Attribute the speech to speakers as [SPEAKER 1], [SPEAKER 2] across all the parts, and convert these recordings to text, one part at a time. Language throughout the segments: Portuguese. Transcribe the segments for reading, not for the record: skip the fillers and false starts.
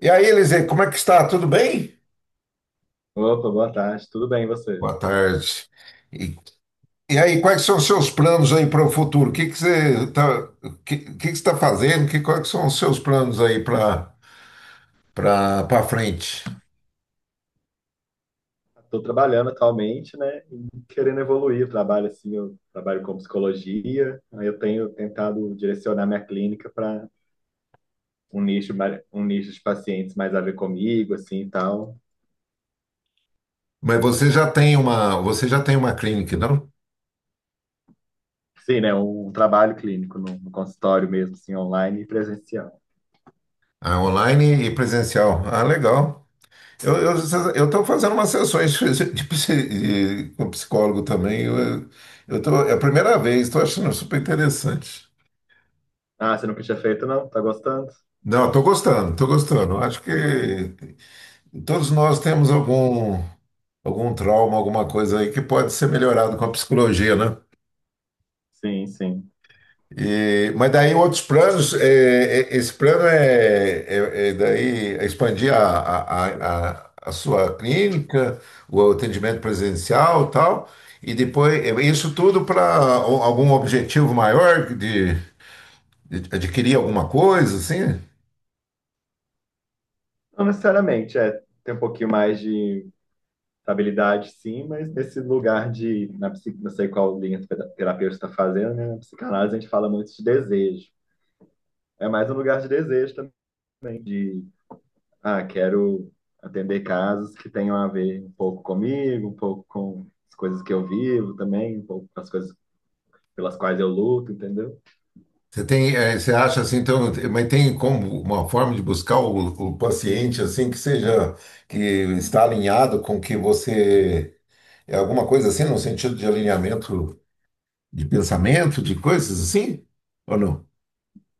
[SPEAKER 1] E aí, Eliseu, como é que está? Tudo bem?
[SPEAKER 2] Opa, boa tarde, tudo bem e você?
[SPEAKER 1] Boa tarde. E, e aí, quais são os seus planos aí para o futuro? O que que você está, que você tá fazendo? Quais são os seus planos aí para frente?
[SPEAKER 2] Estou trabalhando atualmente, né, e querendo evoluir o trabalho, assim, eu trabalho com psicologia, aí eu tenho tentado direcionar minha clínica para um nicho, um nicho de pacientes mais a ver comigo, assim, e tal.
[SPEAKER 1] Mas você já tem uma clínica, não?
[SPEAKER 2] Sim, né, um trabalho clínico no consultório mesmo, assim, online e presencial.
[SPEAKER 1] Ah, online e presencial. Ah, legal. Eu eu estou fazendo umas sessões com psicólogo também. Eu tô, é a primeira vez, estou achando super interessante.
[SPEAKER 2] Ah, você nunca tinha feito, não? Tá gostando?
[SPEAKER 1] Não, estou gostando, estou gostando. Acho que todos nós temos algum trauma, alguma coisa aí que pode ser melhorado com a psicologia, né?
[SPEAKER 2] Sim, sim.
[SPEAKER 1] Mas daí outros planos, esse plano é daí expandir a sua clínica, o atendimento presencial e tal, e depois isso tudo para algum objetivo maior de adquirir alguma coisa, assim?
[SPEAKER 2] Não necessariamente, é, tem um pouquinho mais de estabilidade, sim, mas nesse lugar de, na, não sei qual linha o terapeuta está fazendo, né? Na psicanálise a gente fala muito de desejo. É mais um lugar de desejo também, de, ah, quero atender casos que tenham a ver um pouco comigo, um pouco com as coisas que eu vivo também, um pouco com as coisas pelas quais eu luto, entendeu?
[SPEAKER 1] Você acha assim, então, mas tem como uma forma de buscar o paciente assim que seja que está alinhado com que você é alguma coisa assim no sentido de alinhamento de pensamento, de coisas assim, ou não?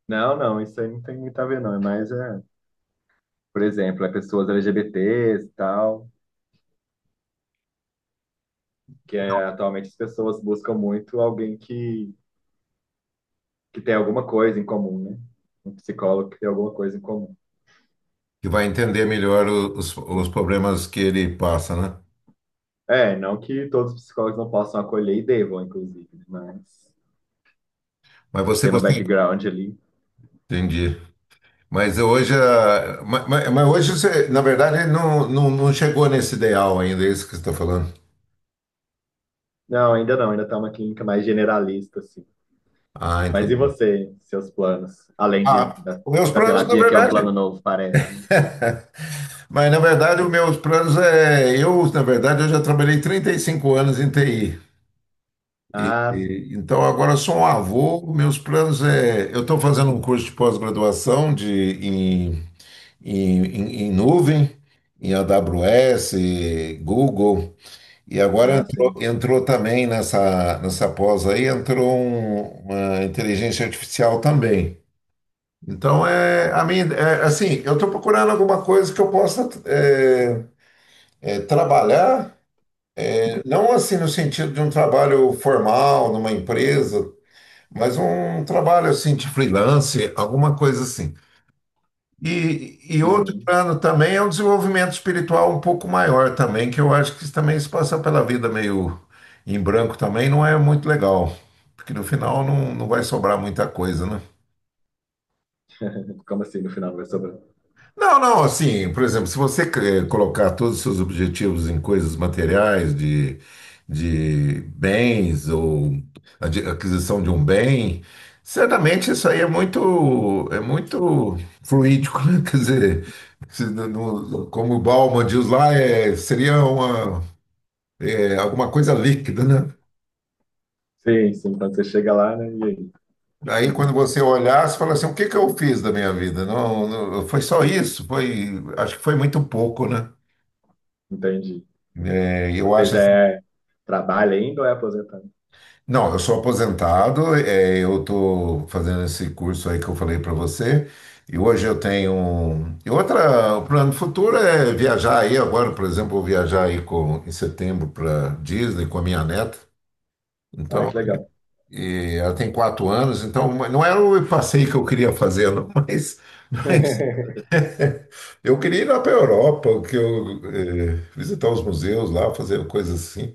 [SPEAKER 2] Não, não, isso aí não tem muito a ver, não. É mais, é, por exemplo, é pessoas LGBTs e tal, que é, atualmente as pessoas buscam muito alguém que tem alguma coisa em comum, né? Um psicólogo que tem alguma coisa em comum.
[SPEAKER 1] Que vai entender melhor os problemas que ele passa, né?
[SPEAKER 2] É, não que todos os psicólogos não possam acolher e devam, inclusive, mas
[SPEAKER 1] Mas você
[SPEAKER 2] tendo um
[SPEAKER 1] gostaria,
[SPEAKER 2] background ali.
[SPEAKER 1] entendi. Mas hoje, hoje você, na verdade, não chegou nesse ideal ainda, é isso que você está falando.
[SPEAKER 2] Não, ainda não, ainda tá uma clínica mais generalista, assim.
[SPEAKER 1] Ah,
[SPEAKER 2] Mas e
[SPEAKER 1] entendi.
[SPEAKER 2] você, seus planos?
[SPEAKER 1] Ah, meus
[SPEAKER 2] Da
[SPEAKER 1] planos, na
[SPEAKER 2] terapia, que é um
[SPEAKER 1] verdade.
[SPEAKER 2] plano novo, parece, né?
[SPEAKER 1] Mas, na verdade, os meus planos é. Eu, na verdade, eu já trabalhei 35 anos em TI.
[SPEAKER 2] Ah, sim.
[SPEAKER 1] Então, agora eu sou um avô. Meus planos é. Eu estou fazendo um curso de pós-graduação de, em, em, em- em nuvem, em AWS, Google. E agora
[SPEAKER 2] Ah, sim.
[SPEAKER 1] entrou também nessa pós aí, entrou uma inteligência artificial também. Então, é, a minha, é, assim, eu estou procurando alguma coisa que eu possa, trabalhar, não assim no sentido de um trabalho formal, numa empresa, mas um trabalho assim de freelance, alguma coisa assim. E outro
[SPEAKER 2] Uhum.
[SPEAKER 1] plano também é um desenvolvimento espiritual um pouco maior também, que eu acho que também se passar pela vida meio em branco também não é muito legal, porque no final não vai sobrar muita coisa, né?
[SPEAKER 2] Como assim, no final vai sobrar?
[SPEAKER 1] Não, não, assim, por exemplo, se você colocar todos os seus objetivos em coisas materiais, de bens ou aquisição de um bem, certamente isso aí é muito fluídico, né? Quer dizer, se não- não- como o Bauman diz lá, seria alguma coisa líquida, né?
[SPEAKER 2] Sim, sim, quando você chega lá, né? E aí?
[SPEAKER 1] Aí quando você olhar, você fala assim, o que que eu fiz da minha vida? Não, não, foi só isso, acho que foi muito pouco, né?
[SPEAKER 2] Entendi.
[SPEAKER 1] É, eu
[SPEAKER 2] Você
[SPEAKER 1] acho.
[SPEAKER 2] já é, trabalha ainda ou é aposentado?
[SPEAKER 1] Não, eu sou aposentado, eu estou fazendo esse curso aí que eu falei para você, e hoje eu tenho. E outra, o plano futuro é viajar aí agora, por exemplo, vou viajar aí em setembro para Disney com a minha neta.
[SPEAKER 2] Ah,
[SPEAKER 1] Então,
[SPEAKER 2] que legal.
[SPEAKER 1] e ela tem 4 anos, então não era o passeio que eu queria fazer, não, mas, mas eu queria ir lá para a Europa, que eu, visitar os museus lá, fazer coisas assim,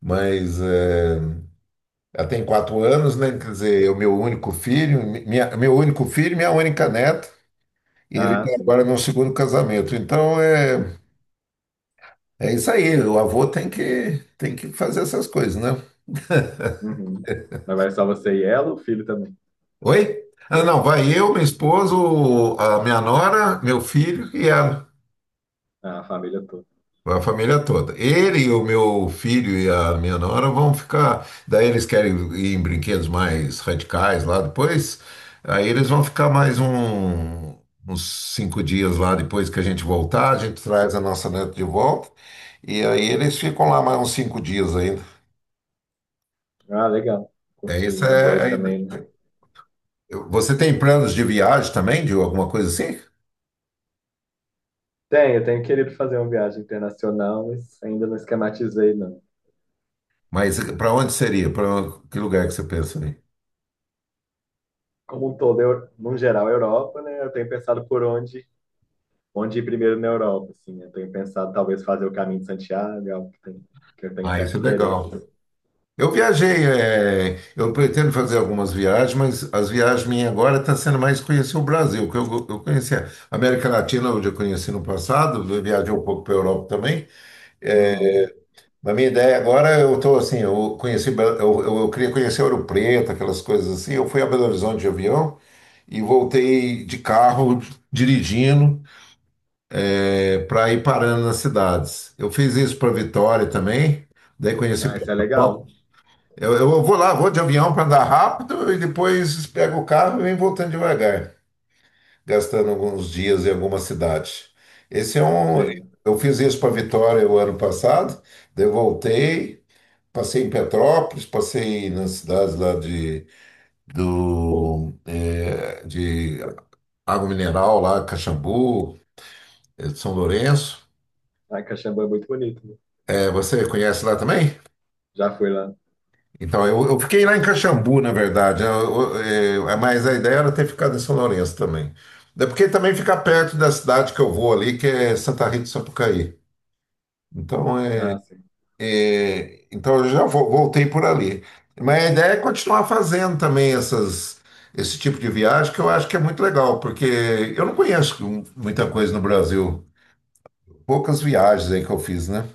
[SPEAKER 1] mas. Ela tem quatro anos, né? Quer dizer, é o meu único filho, meu único filho, e minha única neta, e ele
[SPEAKER 2] Ah,
[SPEAKER 1] tem
[SPEAKER 2] sim.
[SPEAKER 1] agora meu segundo casamento. Então é isso aí, o avô tem que fazer essas coisas, né?
[SPEAKER 2] Uhum. Mas vai só você e ela, ou o filho também?
[SPEAKER 1] Oi? Ah, não, vai eu, minha esposa, a minha nora, meu filho e ela.
[SPEAKER 2] Ah, a família toda.
[SPEAKER 1] Vai a família toda. O meu filho e a minha nora vão ficar. Daí eles querem ir em brinquedos mais radicais lá depois. Aí eles vão ficar mais uns 5 dias lá depois que a gente voltar. A gente traz a nossa neta de volta. E aí eles ficam lá mais uns 5 dias ainda.
[SPEAKER 2] Ah, legal.
[SPEAKER 1] É isso
[SPEAKER 2] Curtinho, a
[SPEAKER 1] é.
[SPEAKER 2] dois
[SPEAKER 1] Ainda.
[SPEAKER 2] também, né?
[SPEAKER 1] Você tem planos de viagem também, de alguma coisa assim?
[SPEAKER 2] Tem, eu tenho querido fazer uma viagem internacional, mas ainda não esquematizei, não.
[SPEAKER 1] Mas para onde seria? Para que lugar que você pensa aí?
[SPEAKER 2] Como um todo, eu, no geral, a Europa, né? Eu tenho pensado por onde, onde ir primeiro na Europa, assim. Eu tenho pensado talvez fazer o caminho de Santiago, é algo que, tem, que eu tenho
[SPEAKER 1] Ah, isso
[SPEAKER 2] certo
[SPEAKER 1] é
[SPEAKER 2] interesse.
[SPEAKER 1] legal.
[SPEAKER 2] Assim.
[SPEAKER 1] Eu viajei, eu pretendo fazer algumas viagens, mas as viagens minhas agora estão sendo mais conhecer o Brasil, que eu conheci a América Latina, onde eu conheci no passado, eu viajei um pouco para a Europa também.
[SPEAKER 2] Uhum.
[SPEAKER 1] Mas minha ideia agora, eu estou assim, eu conheci, Bel- eu queria conhecer Ouro Preto, aquelas coisas assim. Eu fui a Belo Horizonte de avião e voltei de carro, dirigindo, para ir parando nas cidades. Eu fiz isso para Vitória também, daí conheci
[SPEAKER 2] Ah, isso é legal.
[SPEAKER 1] Petrópolis. Eu vou lá, vou de avião para andar rápido e depois pego o carro e venho voltando devagar, gastando alguns dias em alguma cidade. Esse é um.
[SPEAKER 2] Sim.
[SPEAKER 1] Eu fiz isso para Vitória o ano passado, daí eu voltei, passei em Petrópolis, passei nas cidades lá de Água Mineral, lá, Caxambu, São Lourenço.
[SPEAKER 2] Ah, Caxambu é muito bonito, né?
[SPEAKER 1] Você conhece lá também?
[SPEAKER 2] Já fui lá.
[SPEAKER 1] Então, eu fiquei lá em Caxambu, na verdade, mas a ideia era ter ficado em São Lourenço também. É porque também fica perto da cidade que eu vou ali, que é Santa Rita de Sapucaí. Então,
[SPEAKER 2] Ah, sim.
[SPEAKER 1] eu já voltei por ali. Mas a ideia é continuar fazendo também esse tipo de viagem, que eu acho que é muito legal, porque eu não conheço muita coisa no Brasil. Poucas viagens aí que eu fiz, né?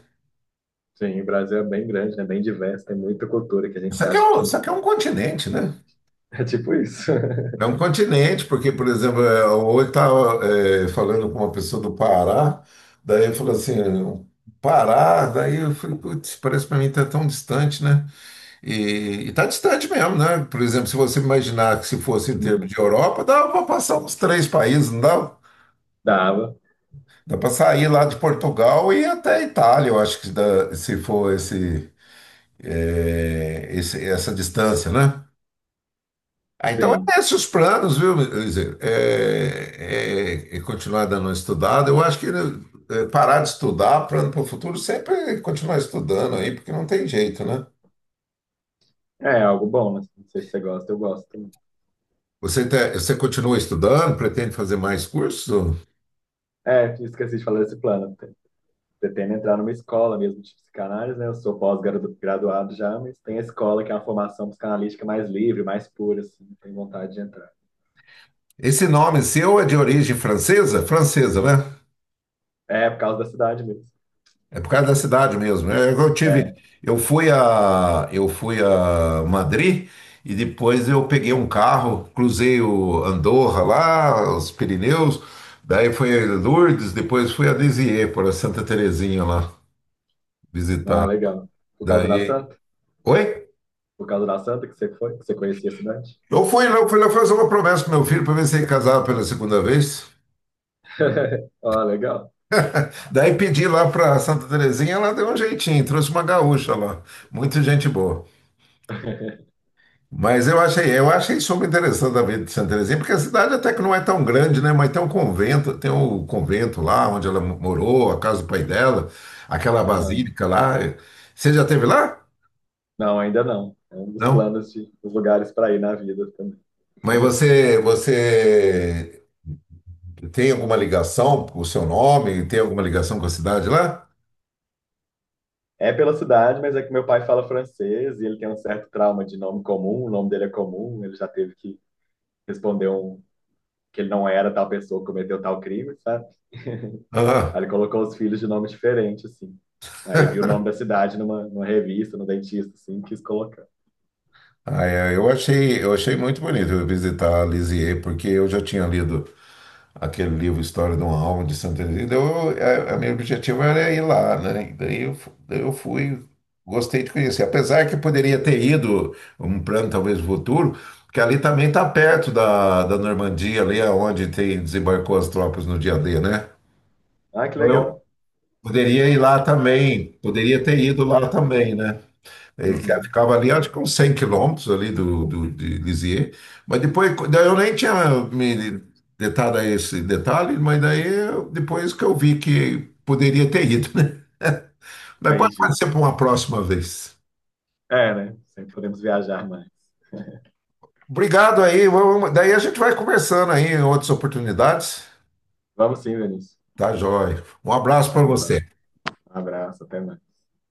[SPEAKER 2] Sim, o Brasil é bem grande, né? Bem diverso, tem muita cultura que a gente acha que
[SPEAKER 1] Isso aqui é um continente, né?
[SPEAKER 2] é tipo isso.
[SPEAKER 1] É um continente, porque, por exemplo, hoje estava falando com uma pessoa do Pará, daí eu falei assim, Pará, daí eu falei, putz, parece para mim tá tão distante, né? E tá distante mesmo, né? Por exemplo, se você imaginar que se fosse em termos
[SPEAKER 2] Uhum.
[SPEAKER 1] de Europa, dava para passar uns três países, não dá?
[SPEAKER 2] Dava,
[SPEAKER 1] Dá para sair lá de Portugal e ir até a Itália, eu acho que se for essa distância, né? Ah, então,
[SPEAKER 2] sim.
[SPEAKER 1] é esses os planos, viu, Eliseu? É continuar dando uma estudada. Eu acho que, né, parar de estudar, plano para o futuro, sempre continuar estudando aí, porque não tem jeito, né?
[SPEAKER 2] É é algo bom, né? Não sei se você gosta, eu gosto também.
[SPEAKER 1] Você continua estudando, pretende fazer mais cursos?
[SPEAKER 2] É, esqueci de falar desse plano. Pretendo entrar numa escola mesmo de psicanálise, né? Eu sou pós-graduado já, mas tem a escola que é uma formação psicanalítica mais livre, mais pura, assim. Tenho vontade de entrar.
[SPEAKER 1] Esse nome seu é de origem francesa? Francesa, né?
[SPEAKER 2] É, por causa da cidade mesmo.
[SPEAKER 1] É por causa da cidade mesmo, né? É que eu tive,
[SPEAKER 2] É,
[SPEAKER 1] eu fui a Madrid e depois eu peguei um carro, cruzei o Andorra lá, os Pirineus, daí fui a Lourdes, depois fui a Lisieux, para Santa Terezinha lá
[SPEAKER 2] ah,
[SPEAKER 1] visitar.
[SPEAKER 2] legal. Por causa da
[SPEAKER 1] Daí,
[SPEAKER 2] Santa?
[SPEAKER 1] oi?
[SPEAKER 2] Por causa da Santa que você foi, que você conhecia a cidade?
[SPEAKER 1] Eu fui lá fazer uma promessa pro meu filho para ver se ele casava pela segunda vez.
[SPEAKER 2] Ah, legal.
[SPEAKER 1] Daí pedi lá para Santa Terezinha, ela deu um jeitinho, trouxe uma gaúcha lá, muita gente boa. Mas eu achei super interessante a vida de Santa Terezinha, porque a cidade até que não é tão grande, né? Mas tem um convento, tem o convento lá onde ela morou, a casa do pai dela, aquela
[SPEAKER 2] Aham.
[SPEAKER 1] basílica lá. Você já esteve lá?
[SPEAKER 2] Não, ainda não. É um dos
[SPEAKER 1] Não.
[SPEAKER 2] planos de, dos lugares para ir na vida também.
[SPEAKER 1] Mas você tem alguma ligação com o seu nome? Tem alguma ligação com a cidade lá?
[SPEAKER 2] É pela cidade, mas é que meu pai fala francês e ele tem um certo trauma de nome comum, o nome dele é comum, ele já teve que responder um que ele não era tal pessoa, cometeu tal crime, sabe?
[SPEAKER 1] Aham.
[SPEAKER 2] Aí ele colocou os filhos de nome diferente, assim. Aí ele viu o nome da cidade numa revista, no dentista, assim, e quis colocar.
[SPEAKER 1] Ah, eu achei muito bonito eu visitar Lisieux, porque eu já tinha lido aquele livro História de uma Alma de Santa Teresa. Então, a meu objetivo era ir lá, né? Daí eu fui, gostei de conhecer. Apesar que eu poderia ter ido, um plano talvez futuro, que ali também está perto da Normandia, ali aonde tem, desembarcou as tropas no dia D, né?
[SPEAKER 2] Ah, que
[SPEAKER 1] Então, eu
[SPEAKER 2] legal.
[SPEAKER 1] poderia ir lá também, poderia ter ido lá também, né? Ele que
[SPEAKER 2] Uhum,
[SPEAKER 1] ficava ali, acho que uns 100 quilômetros ali de Lisieux. Mas depois, daí eu nem tinha me detado a esse detalhe, mas daí depois que eu vi que poderia ter ido, né? Mas pode
[SPEAKER 2] entendi.
[SPEAKER 1] ser para uma próxima vez.
[SPEAKER 2] É, né? Sempre podemos viajar mais.
[SPEAKER 1] Obrigado aí. Daí a gente vai conversando aí em outras oportunidades.
[SPEAKER 2] Vamos sim, Vinícius.
[SPEAKER 1] Tá, joia. Um abraço para
[SPEAKER 2] Então tá.
[SPEAKER 1] você.
[SPEAKER 2] Um abraço, até mais.